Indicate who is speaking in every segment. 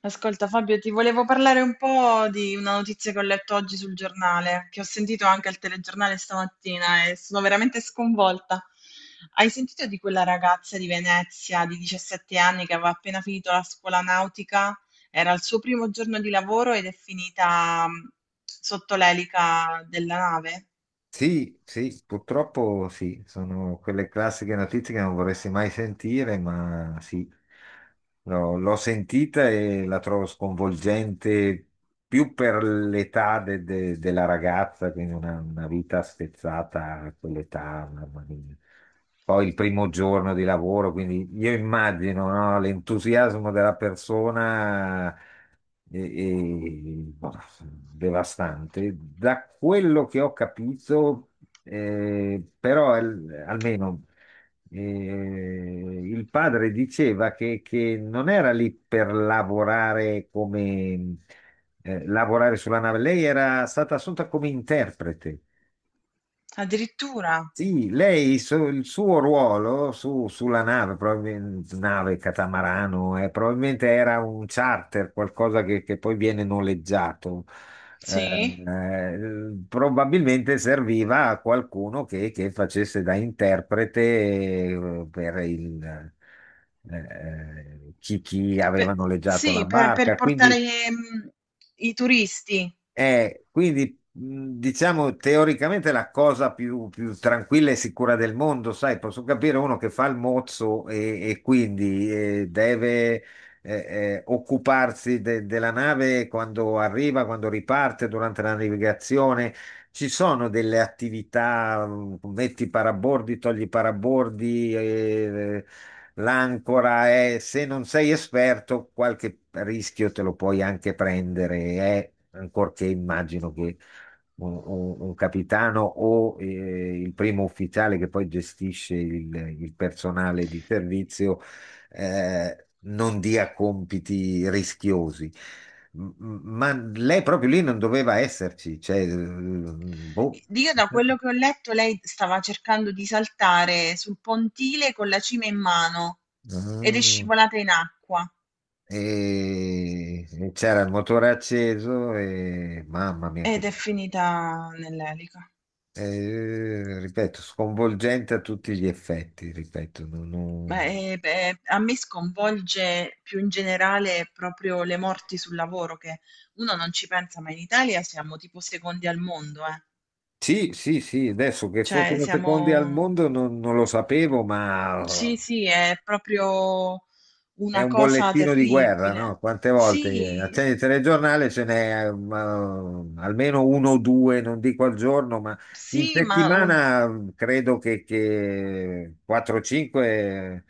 Speaker 1: Ascolta Fabio, ti volevo parlare un po' di una notizia che ho letto oggi sul giornale, che ho sentito anche al telegiornale stamattina e sono veramente sconvolta. Hai sentito di quella ragazza di Venezia di 17 anni che aveva appena finito la scuola nautica? Era il suo primo giorno di lavoro ed è finita sotto l'elica della nave.
Speaker 2: Sì, sì, purtroppo sì, sono quelle classiche notizie che non vorresti mai sentire, ma sì, no, l'ho sentita e la trovo sconvolgente più per l'età della ragazza, quindi una vita spezzata a quell'età, mamma mia. Poi il primo giorno di lavoro, quindi io immagino, no, l'entusiasmo della persona boh, devastante. Da quello che ho capito, però almeno il padre diceva che non era lì per lavorare come lavorare sulla nave, lei era stata assunta come interprete.
Speaker 1: Addirittura,
Speaker 2: Sì, lei, il suo ruolo sulla nave, probabilmente nave catamarano, probabilmente era un charter, qualcosa che poi viene noleggiato.
Speaker 1: sì,
Speaker 2: Probabilmente serviva a qualcuno che facesse da interprete per il, chi
Speaker 1: Per-
Speaker 2: aveva noleggiato la
Speaker 1: sì, per
Speaker 2: barca.
Speaker 1: portare
Speaker 2: Quindi.
Speaker 1: i turisti.
Speaker 2: Quindi diciamo teoricamente la cosa più tranquilla e sicura del mondo, sai, posso capire uno che fa il mozzo e quindi deve occuparsi della nave quando arriva, quando riparte, durante la navigazione. Ci sono delle attività, metti i parabordi, togli i parabordi, l'ancora è, se non sei esperto, qualche rischio te lo puoi anche prendere, ancorché immagino che un capitano o il primo ufficiale che poi gestisce il personale di servizio non dia compiti rischiosi. Ma lei proprio lì non doveva esserci, cioè, boh.
Speaker 1: Io da quello che ho letto, lei stava cercando di saltare sul pontile con la cima in mano ed è
Speaker 2: Ah.
Speaker 1: scivolata in acqua
Speaker 2: E e c'era il motore acceso e mamma mia che
Speaker 1: ed è
Speaker 2: bello.
Speaker 1: finita nell'elica.
Speaker 2: Eh, ripeto, sconvolgente a tutti gli effetti, ripeto,
Speaker 1: Beh, eh, beh, a me sconvolge più in generale proprio le morti sul lavoro, che uno non ci pensa, ma in Italia siamo tipo secondi al mondo, eh.
Speaker 2: sì, sì, sì, adesso che
Speaker 1: Cioè
Speaker 2: fossero secondi al
Speaker 1: siamo...
Speaker 2: mondo non lo sapevo, ma
Speaker 1: Sì, sì, è proprio
Speaker 2: è
Speaker 1: una
Speaker 2: un
Speaker 1: cosa
Speaker 2: bollettino di guerra, no?
Speaker 1: terribile.
Speaker 2: Quante volte
Speaker 1: Sì,
Speaker 2: accendi il telegiornale, ce n'è almeno uno o due, non dico al giorno, ma in
Speaker 1: sì,
Speaker 2: settimana mm, credo che 4-5,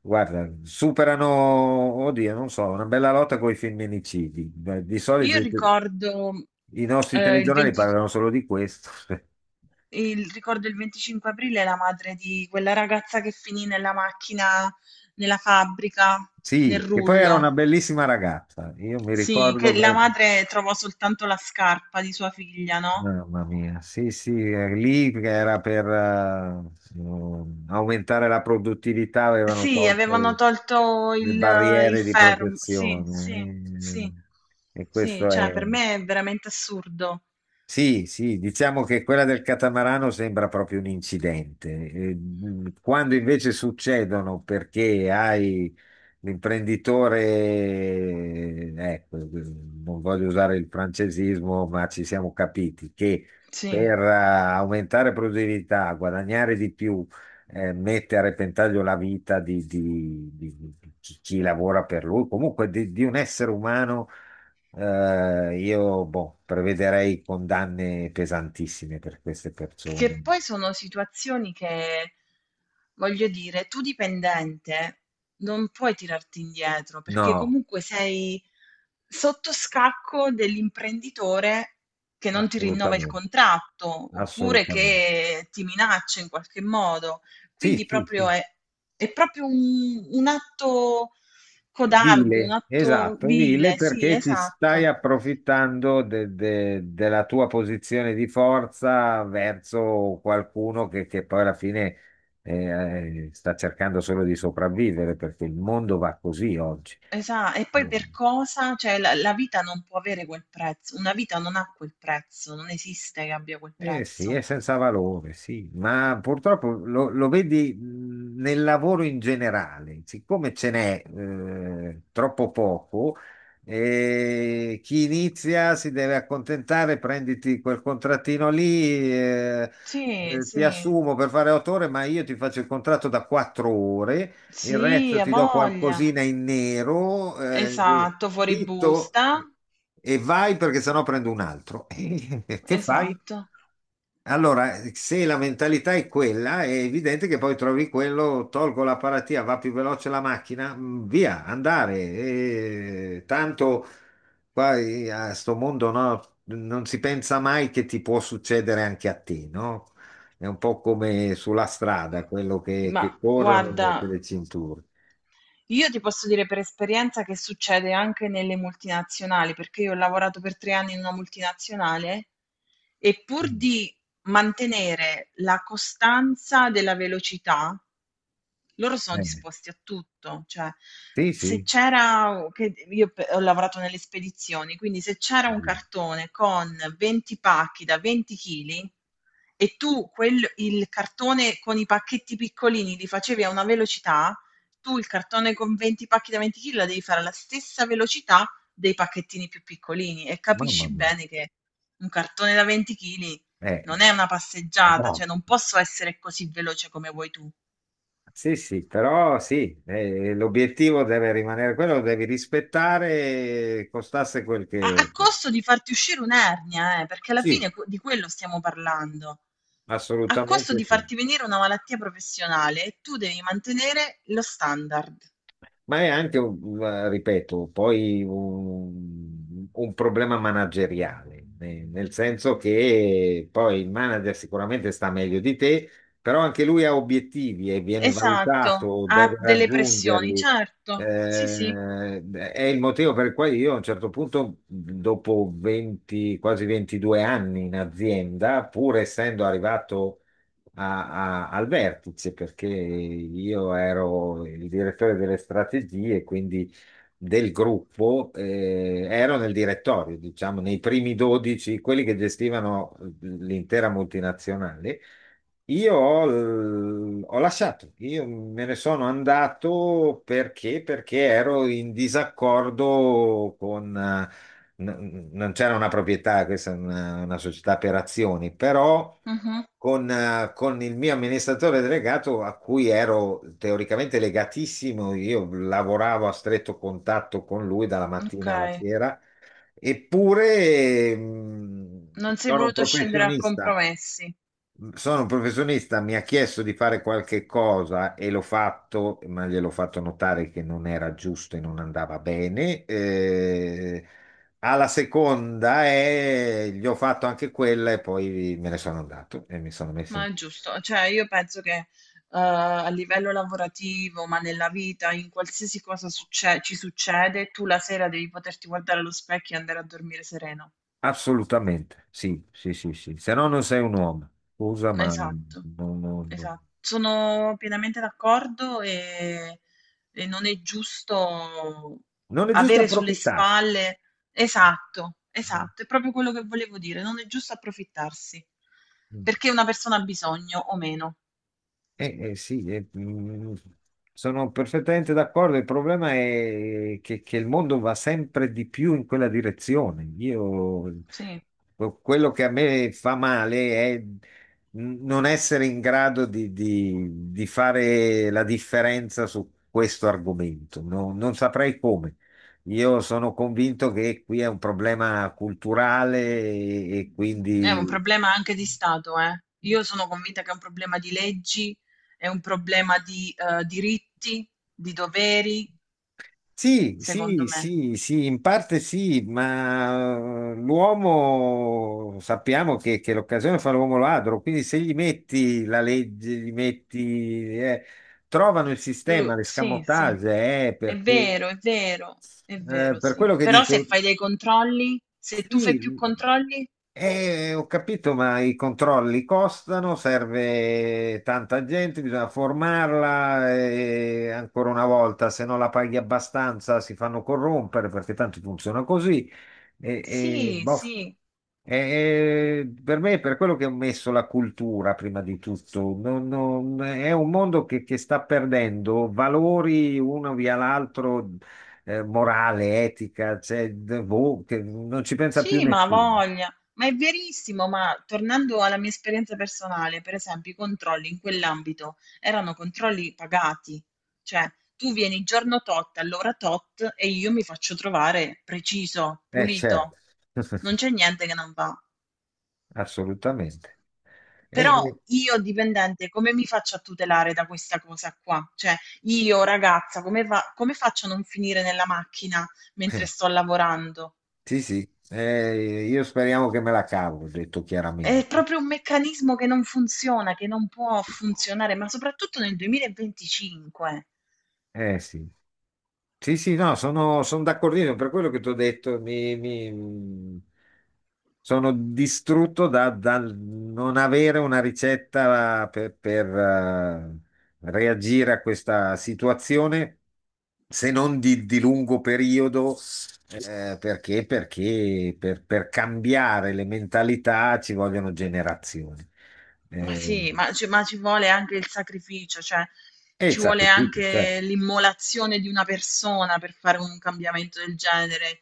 Speaker 2: guarda, superano, oddio, non so, una bella lotta con i femminicidi. Beh, di solito
Speaker 1: Io ricordo,
Speaker 2: i nostri
Speaker 1: il
Speaker 2: telegiornali
Speaker 1: 20
Speaker 2: parlano solo di questo.
Speaker 1: ricordo il 25 aprile la madre di quella ragazza che finì nella macchina, nella fabbrica, nel
Speaker 2: Sì, che poi era una
Speaker 1: rullo.
Speaker 2: bellissima ragazza, io mi
Speaker 1: Sì,
Speaker 2: ricordo
Speaker 1: che la
Speaker 2: che...
Speaker 1: madre trovò soltanto la scarpa di sua figlia, no?
Speaker 2: Mamma mia, sì, sì, lì
Speaker 1: Eh,
Speaker 2: era per aumentare la produttività, avevano
Speaker 1: sì, avevano
Speaker 2: tolto
Speaker 1: tolto
Speaker 2: le
Speaker 1: il
Speaker 2: barriere di
Speaker 1: fermo. Sì, sì,
Speaker 2: protezione
Speaker 1: sì,
Speaker 2: e
Speaker 1: sì,
Speaker 2: questo
Speaker 1: cioè
Speaker 2: è.
Speaker 1: per me è veramente assurdo.
Speaker 2: Sì, sì, diciamo che quella del catamarano sembra proprio un incidente. Quando invece succedono perché hai l'imprenditore, ecco, non voglio usare il francesismo, ma ci siamo capiti che
Speaker 1: Sì.
Speaker 2: per aumentare produttività, guadagnare di più, mette a repentaglio la vita di chi lavora per lui, comunque di un essere umano io boh, prevederei condanne pesantissime per queste
Speaker 1: Che
Speaker 2: persone.
Speaker 1: poi sono situazioni che, voglio dire, tu dipendente non puoi tirarti indietro perché
Speaker 2: No,
Speaker 1: comunque sei sotto scacco dell'imprenditore che non ti rinnova il
Speaker 2: assolutamente,
Speaker 1: contratto oppure
Speaker 2: assolutamente.
Speaker 1: che ti minaccia in qualche modo.
Speaker 2: Sì,
Speaker 1: Quindi
Speaker 2: sì,
Speaker 1: proprio
Speaker 2: sì.
Speaker 1: è, è proprio un atto codardo, un
Speaker 2: Vile,
Speaker 1: atto
Speaker 2: esatto, vile
Speaker 1: vile, sì,
Speaker 2: perché ti stai
Speaker 1: esatto.
Speaker 2: approfittando della tua posizione di forza verso qualcuno che poi alla fine sta cercando solo di sopravvivere perché il mondo va così oggi.
Speaker 1: Esa e poi per cosa? Cioè la vita non può avere quel prezzo, una vita non ha quel prezzo, non esiste che abbia quel
Speaker 2: Eh sì, è
Speaker 1: prezzo.
Speaker 2: senza valore, sì, ma purtroppo lo vedi nel lavoro in generale, siccome ce n'è troppo poco, chi inizia si deve accontentare, prenditi quel contrattino lì,
Speaker 1: Sì,
Speaker 2: ti
Speaker 1: sì,
Speaker 2: assumo per fare 8 ore, ma io ti faccio il contratto da 4 ore il
Speaker 1: sì,
Speaker 2: resto
Speaker 1: ha
Speaker 2: ti do
Speaker 1: voglia.
Speaker 2: qualcosina in nero, e
Speaker 1: Esatto, fuori
Speaker 2: zitto
Speaker 1: busta,
Speaker 2: e vai perché sennò prendo un altro. E che fai?
Speaker 1: esatto.
Speaker 2: Allora, se la mentalità è quella, è evidente che poi trovi quello, tolgo la paratia, va più veloce la macchina, mm, via, andare. E tanto qua a sto mondo no, non si pensa mai che ti può succedere anche a te, no? È un po' come sulla strada, quello
Speaker 1: Ma
Speaker 2: che corrono e
Speaker 1: guarda,
Speaker 2: mette le cinture.
Speaker 1: io ti posso dire per esperienza che succede anche nelle multinazionali, perché io ho lavorato per 3 anni in una multinazionale e pur
Speaker 2: Mm.
Speaker 1: di mantenere la costanza della velocità, loro sono
Speaker 2: Eh,
Speaker 1: disposti a tutto, cioè
Speaker 2: sì,
Speaker 1: se
Speaker 2: sì,
Speaker 1: c'era, che io ho lavorato nelle spedizioni, quindi se c'era un
Speaker 2: sì.
Speaker 1: cartone con 20 pacchi da 20 kg e tu il cartone con i pacchetti piccolini li facevi a una velocità, tu il cartone con 20 pacchi da 20 chili la devi fare alla stessa velocità dei pacchettini più piccolini e
Speaker 2: Mamma
Speaker 1: capisci
Speaker 2: mia.
Speaker 1: bene che un cartone da 20 chili
Speaker 2: Eh,
Speaker 1: non è una passeggiata,
Speaker 2: no.
Speaker 1: cioè non posso essere così veloce come vuoi tu.
Speaker 2: Sì, sì, però sì, l'obiettivo deve rimanere quello, lo devi rispettare, costasse quel
Speaker 1: A,
Speaker 2: che...
Speaker 1: a costo di farti uscire un'ernia, perché alla fine
Speaker 2: Sì,
Speaker 1: di quello stiamo parlando. A costo
Speaker 2: assolutamente
Speaker 1: di
Speaker 2: sì.
Speaker 1: farti venire una malattia professionale e tu devi mantenere lo standard.
Speaker 2: Ma è anche, ripeto, poi un problema manageriale, nel senso che poi il manager sicuramente sta meglio di te, però anche lui ha obiettivi e viene
Speaker 1: Esatto,
Speaker 2: valutato,
Speaker 1: ha
Speaker 2: deve
Speaker 1: delle pressioni,
Speaker 2: raggiungerli.
Speaker 1: certo. Sì, sì.
Speaker 2: Eh, è il motivo per cui io a un certo punto, dopo 20, quasi 22 anni in azienda, pur essendo arrivato al vertice, perché io ero il direttore delle strategie, quindi del gruppo, ero nel direttorio, diciamo, nei primi 12, quelli che gestivano l'intera multinazionale. Ho lasciato, io me ne sono andato perché ero in disaccordo con... non c'era una proprietà, questa è una società per azioni, però
Speaker 1: Mhm.
Speaker 2: con il mio amministratore delegato a cui ero teoricamente legatissimo, io lavoravo a stretto contatto con lui dalla
Speaker 1: Ok.
Speaker 2: mattina alla sera, eppure mm,
Speaker 1: Non si è
Speaker 2: sono un
Speaker 1: voluto scendere a
Speaker 2: professionista
Speaker 1: compromessi,
Speaker 2: sono un professionista, mi ha chiesto di fare qualche cosa e l'ho fatto, ma gliel'ho fatto notare che non era giusto e non andava bene. Alla seconda e gli ho fatto anche quella e poi me ne sono andato e mi sono messo in...
Speaker 1: ma è giusto. Cioè, io penso che a livello lavorativo, ma nella vita, in qualsiasi cosa ci succede, tu la sera devi poterti guardare allo specchio e andare a dormire sereno.
Speaker 2: Assolutamente, sì, sì, sì, sì. Se no non sei un uomo. Scusa, ma
Speaker 1: Esatto,
Speaker 2: non-
Speaker 1: esatto. Sono pienamente d'accordo e non è giusto
Speaker 2: non è giusto
Speaker 1: avere sulle
Speaker 2: approfittarsi.
Speaker 1: spalle. Esatto, esatto, è proprio quello che volevo dire. Non è giusto approfittarsi perché una persona ha bisogno o meno.
Speaker 2: Sì, mm, sono perfettamente d'accordo. Il problema è che il mondo va sempre di più in quella direzione. Io,
Speaker 1: Sì,
Speaker 2: quello che a me fa male è non essere in grado di fare la differenza su questo argomento. Non saprei come. Io sono convinto che qui è un problema culturale e
Speaker 1: è un
Speaker 2: quindi.
Speaker 1: problema anche di Stato, eh. Io sono convinta che è un problema di leggi, è un problema di diritti, di doveri,
Speaker 2: Sì, sì,
Speaker 1: secondo me.
Speaker 2: sì, sì, in parte sì, ma l'uomo sappiamo che l'occasione fa l'uomo ladro, quindi se gli metti la legge, gli metti, trovano il sistema,
Speaker 1: Sì, sì,
Speaker 2: l'escamotage,
Speaker 1: è
Speaker 2: perché,
Speaker 1: vero, è vero, è vero,
Speaker 2: per
Speaker 1: sì.
Speaker 2: quello che
Speaker 1: Però se
Speaker 2: dico.
Speaker 1: fai dei controlli, se tu fai
Speaker 2: Sì,
Speaker 1: più controlli,
Speaker 2: ho capito, ma i controlli costano, serve tanta gente, bisogna formarla e ancora una volta, se non la paghi abbastanza si fanno corrompere perché tanto funziona così.
Speaker 1: sì,
Speaker 2: Boh.
Speaker 1: sì.
Speaker 2: E- e per me è per quello che ho messo la cultura prima di tutto. È un mondo che sta perdendo valori uno via l'altro morale, etica, cioè, boh, che non ci pensa più
Speaker 1: Sì, ma ha
Speaker 2: nessuno.
Speaker 1: voglia, ma è verissimo, ma tornando alla mia esperienza personale, per esempio, i controlli in quell'ambito erano controlli pagati, cioè tu vieni giorno tot, all'ora tot e io mi faccio trovare preciso,
Speaker 2: Certo,
Speaker 1: pulito, non c'è niente che non va.
Speaker 2: assolutamente. E-
Speaker 1: Però io dipendente, come mi faccio a tutelare da questa cosa qua? Cioè, io ragazza, come, come faccio a non finire nella macchina mentre
Speaker 2: eh,
Speaker 1: sto lavorando?
Speaker 2: sì, sì, eh, io speriamo che me la cavo, ho detto
Speaker 1: È
Speaker 2: chiaramente.
Speaker 1: proprio un meccanismo che non funziona, che non può funzionare, ma soprattutto nel 2025.
Speaker 2: Eh sì. Sì, sì, no, sono, sono d'accordissimo, per quello che ti ho detto, sono distrutto dal non avere una ricetta reagire a questa situazione, se non di lungo periodo, per cambiare le mentalità ci vogliono generazioni.
Speaker 1: Ma
Speaker 2: Eh,
Speaker 1: sì, ma, ci ma ci vuole anche il sacrificio, cioè
Speaker 2: e il
Speaker 1: ci vuole
Speaker 2: sacrificio,
Speaker 1: anche
Speaker 2: certo.
Speaker 1: l'immolazione di una persona per fare un cambiamento del genere.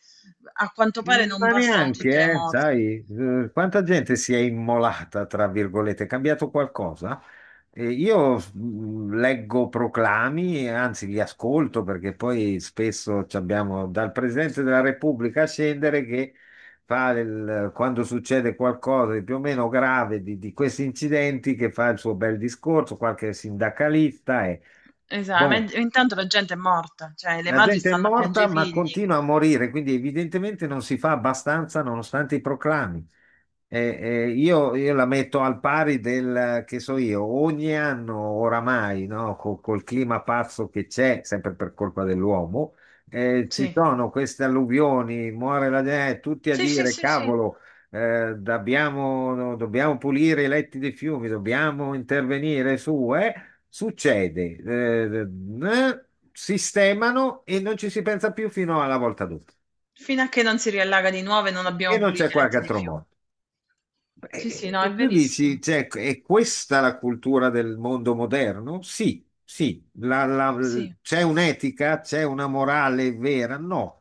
Speaker 1: A quanto pare non
Speaker 2: Ma
Speaker 1: bastano tutte le
Speaker 2: neanche,
Speaker 1: morti.
Speaker 2: sai, quanta gente si è immolata, tra virgolette, è cambiato qualcosa? Io leggo proclami, anzi li ascolto perché poi spesso ci abbiamo dal Presidente della Repubblica a scendere che fa il- quando succede qualcosa di più o meno grave di questi incidenti che fa il suo bel discorso, qualche sindacalista e
Speaker 1: Esatto, ma
Speaker 2: boh.
Speaker 1: intanto la gente è morta, cioè le
Speaker 2: La
Speaker 1: madri
Speaker 2: gente è
Speaker 1: stanno a piangere
Speaker 2: morta,
Speaker 1: i
Speaker 2: ma
Speaker 1: figli.
Speaker 2: continua a morire, quindi evidentemente non si fa abbastanza nonostante i proclami. Eh, io la metto al pari del, che so io, ogni anno oramai, no, col clima pazzo che c'è, sempre per colpa dell'uomo, ci
Speaker 1: Sì,
Speaker 2: sono queste alluvioni, muore la gente, tutti a
Speaker 1: sì, sì,
Speaker 2: dire,
Speaker 1: sì, sì.
Speaker 2: cavolo, dobbiamo, no, dobbiamo pulire i letti dei fiumi, dobbiamo intervenire su, eh? Succede, sistemano e non ci si pensa più fino alla volta dopo.
Speaker 1: Fino a che non si riallaga di nuovo e non
Speaker 2: E
Speaker 1: abbiamo
Speaker 2: non c'è
Speaker 1: pulito i
Speaker 2: qualche
Speaker 1: letti di
Speaker 2: altro
Speaker 1: fiume.
Speaker 2: modo.
Speaker 1: Sì, sì, no, è
Speaker 2: Tu
Speaker 1: verissimo.
Speaker 2: dici, cioè, è questa la cultura del mondo moderno? Sì, sì.
Speaker 1: Sì.
Speaker 2: C'è un'etica, c'è una morale vera? No.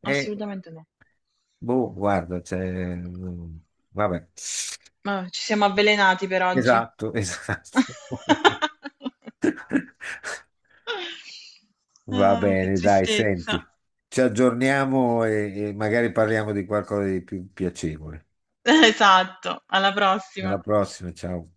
Speaker 2: Eh,
Speaker 1: Assolutamente no.
Speaker 2: boh, guarda, c'è... Vabbè.
Speaker 1: Ma ci siamo avvelenati per oggi.
Speaker 2: Esatto, esatto. Va
Speaker 1: Ah, che
Speaker 2: bene, dai,
Speaker 1: tristezza.
Speaker 2: senti, ci aggiorniamo e magari parliamo di qualcosa di più piacevole.
Speaker 1: Esatto, alla prossima.
Speaker 2: Alla prossima, ciao.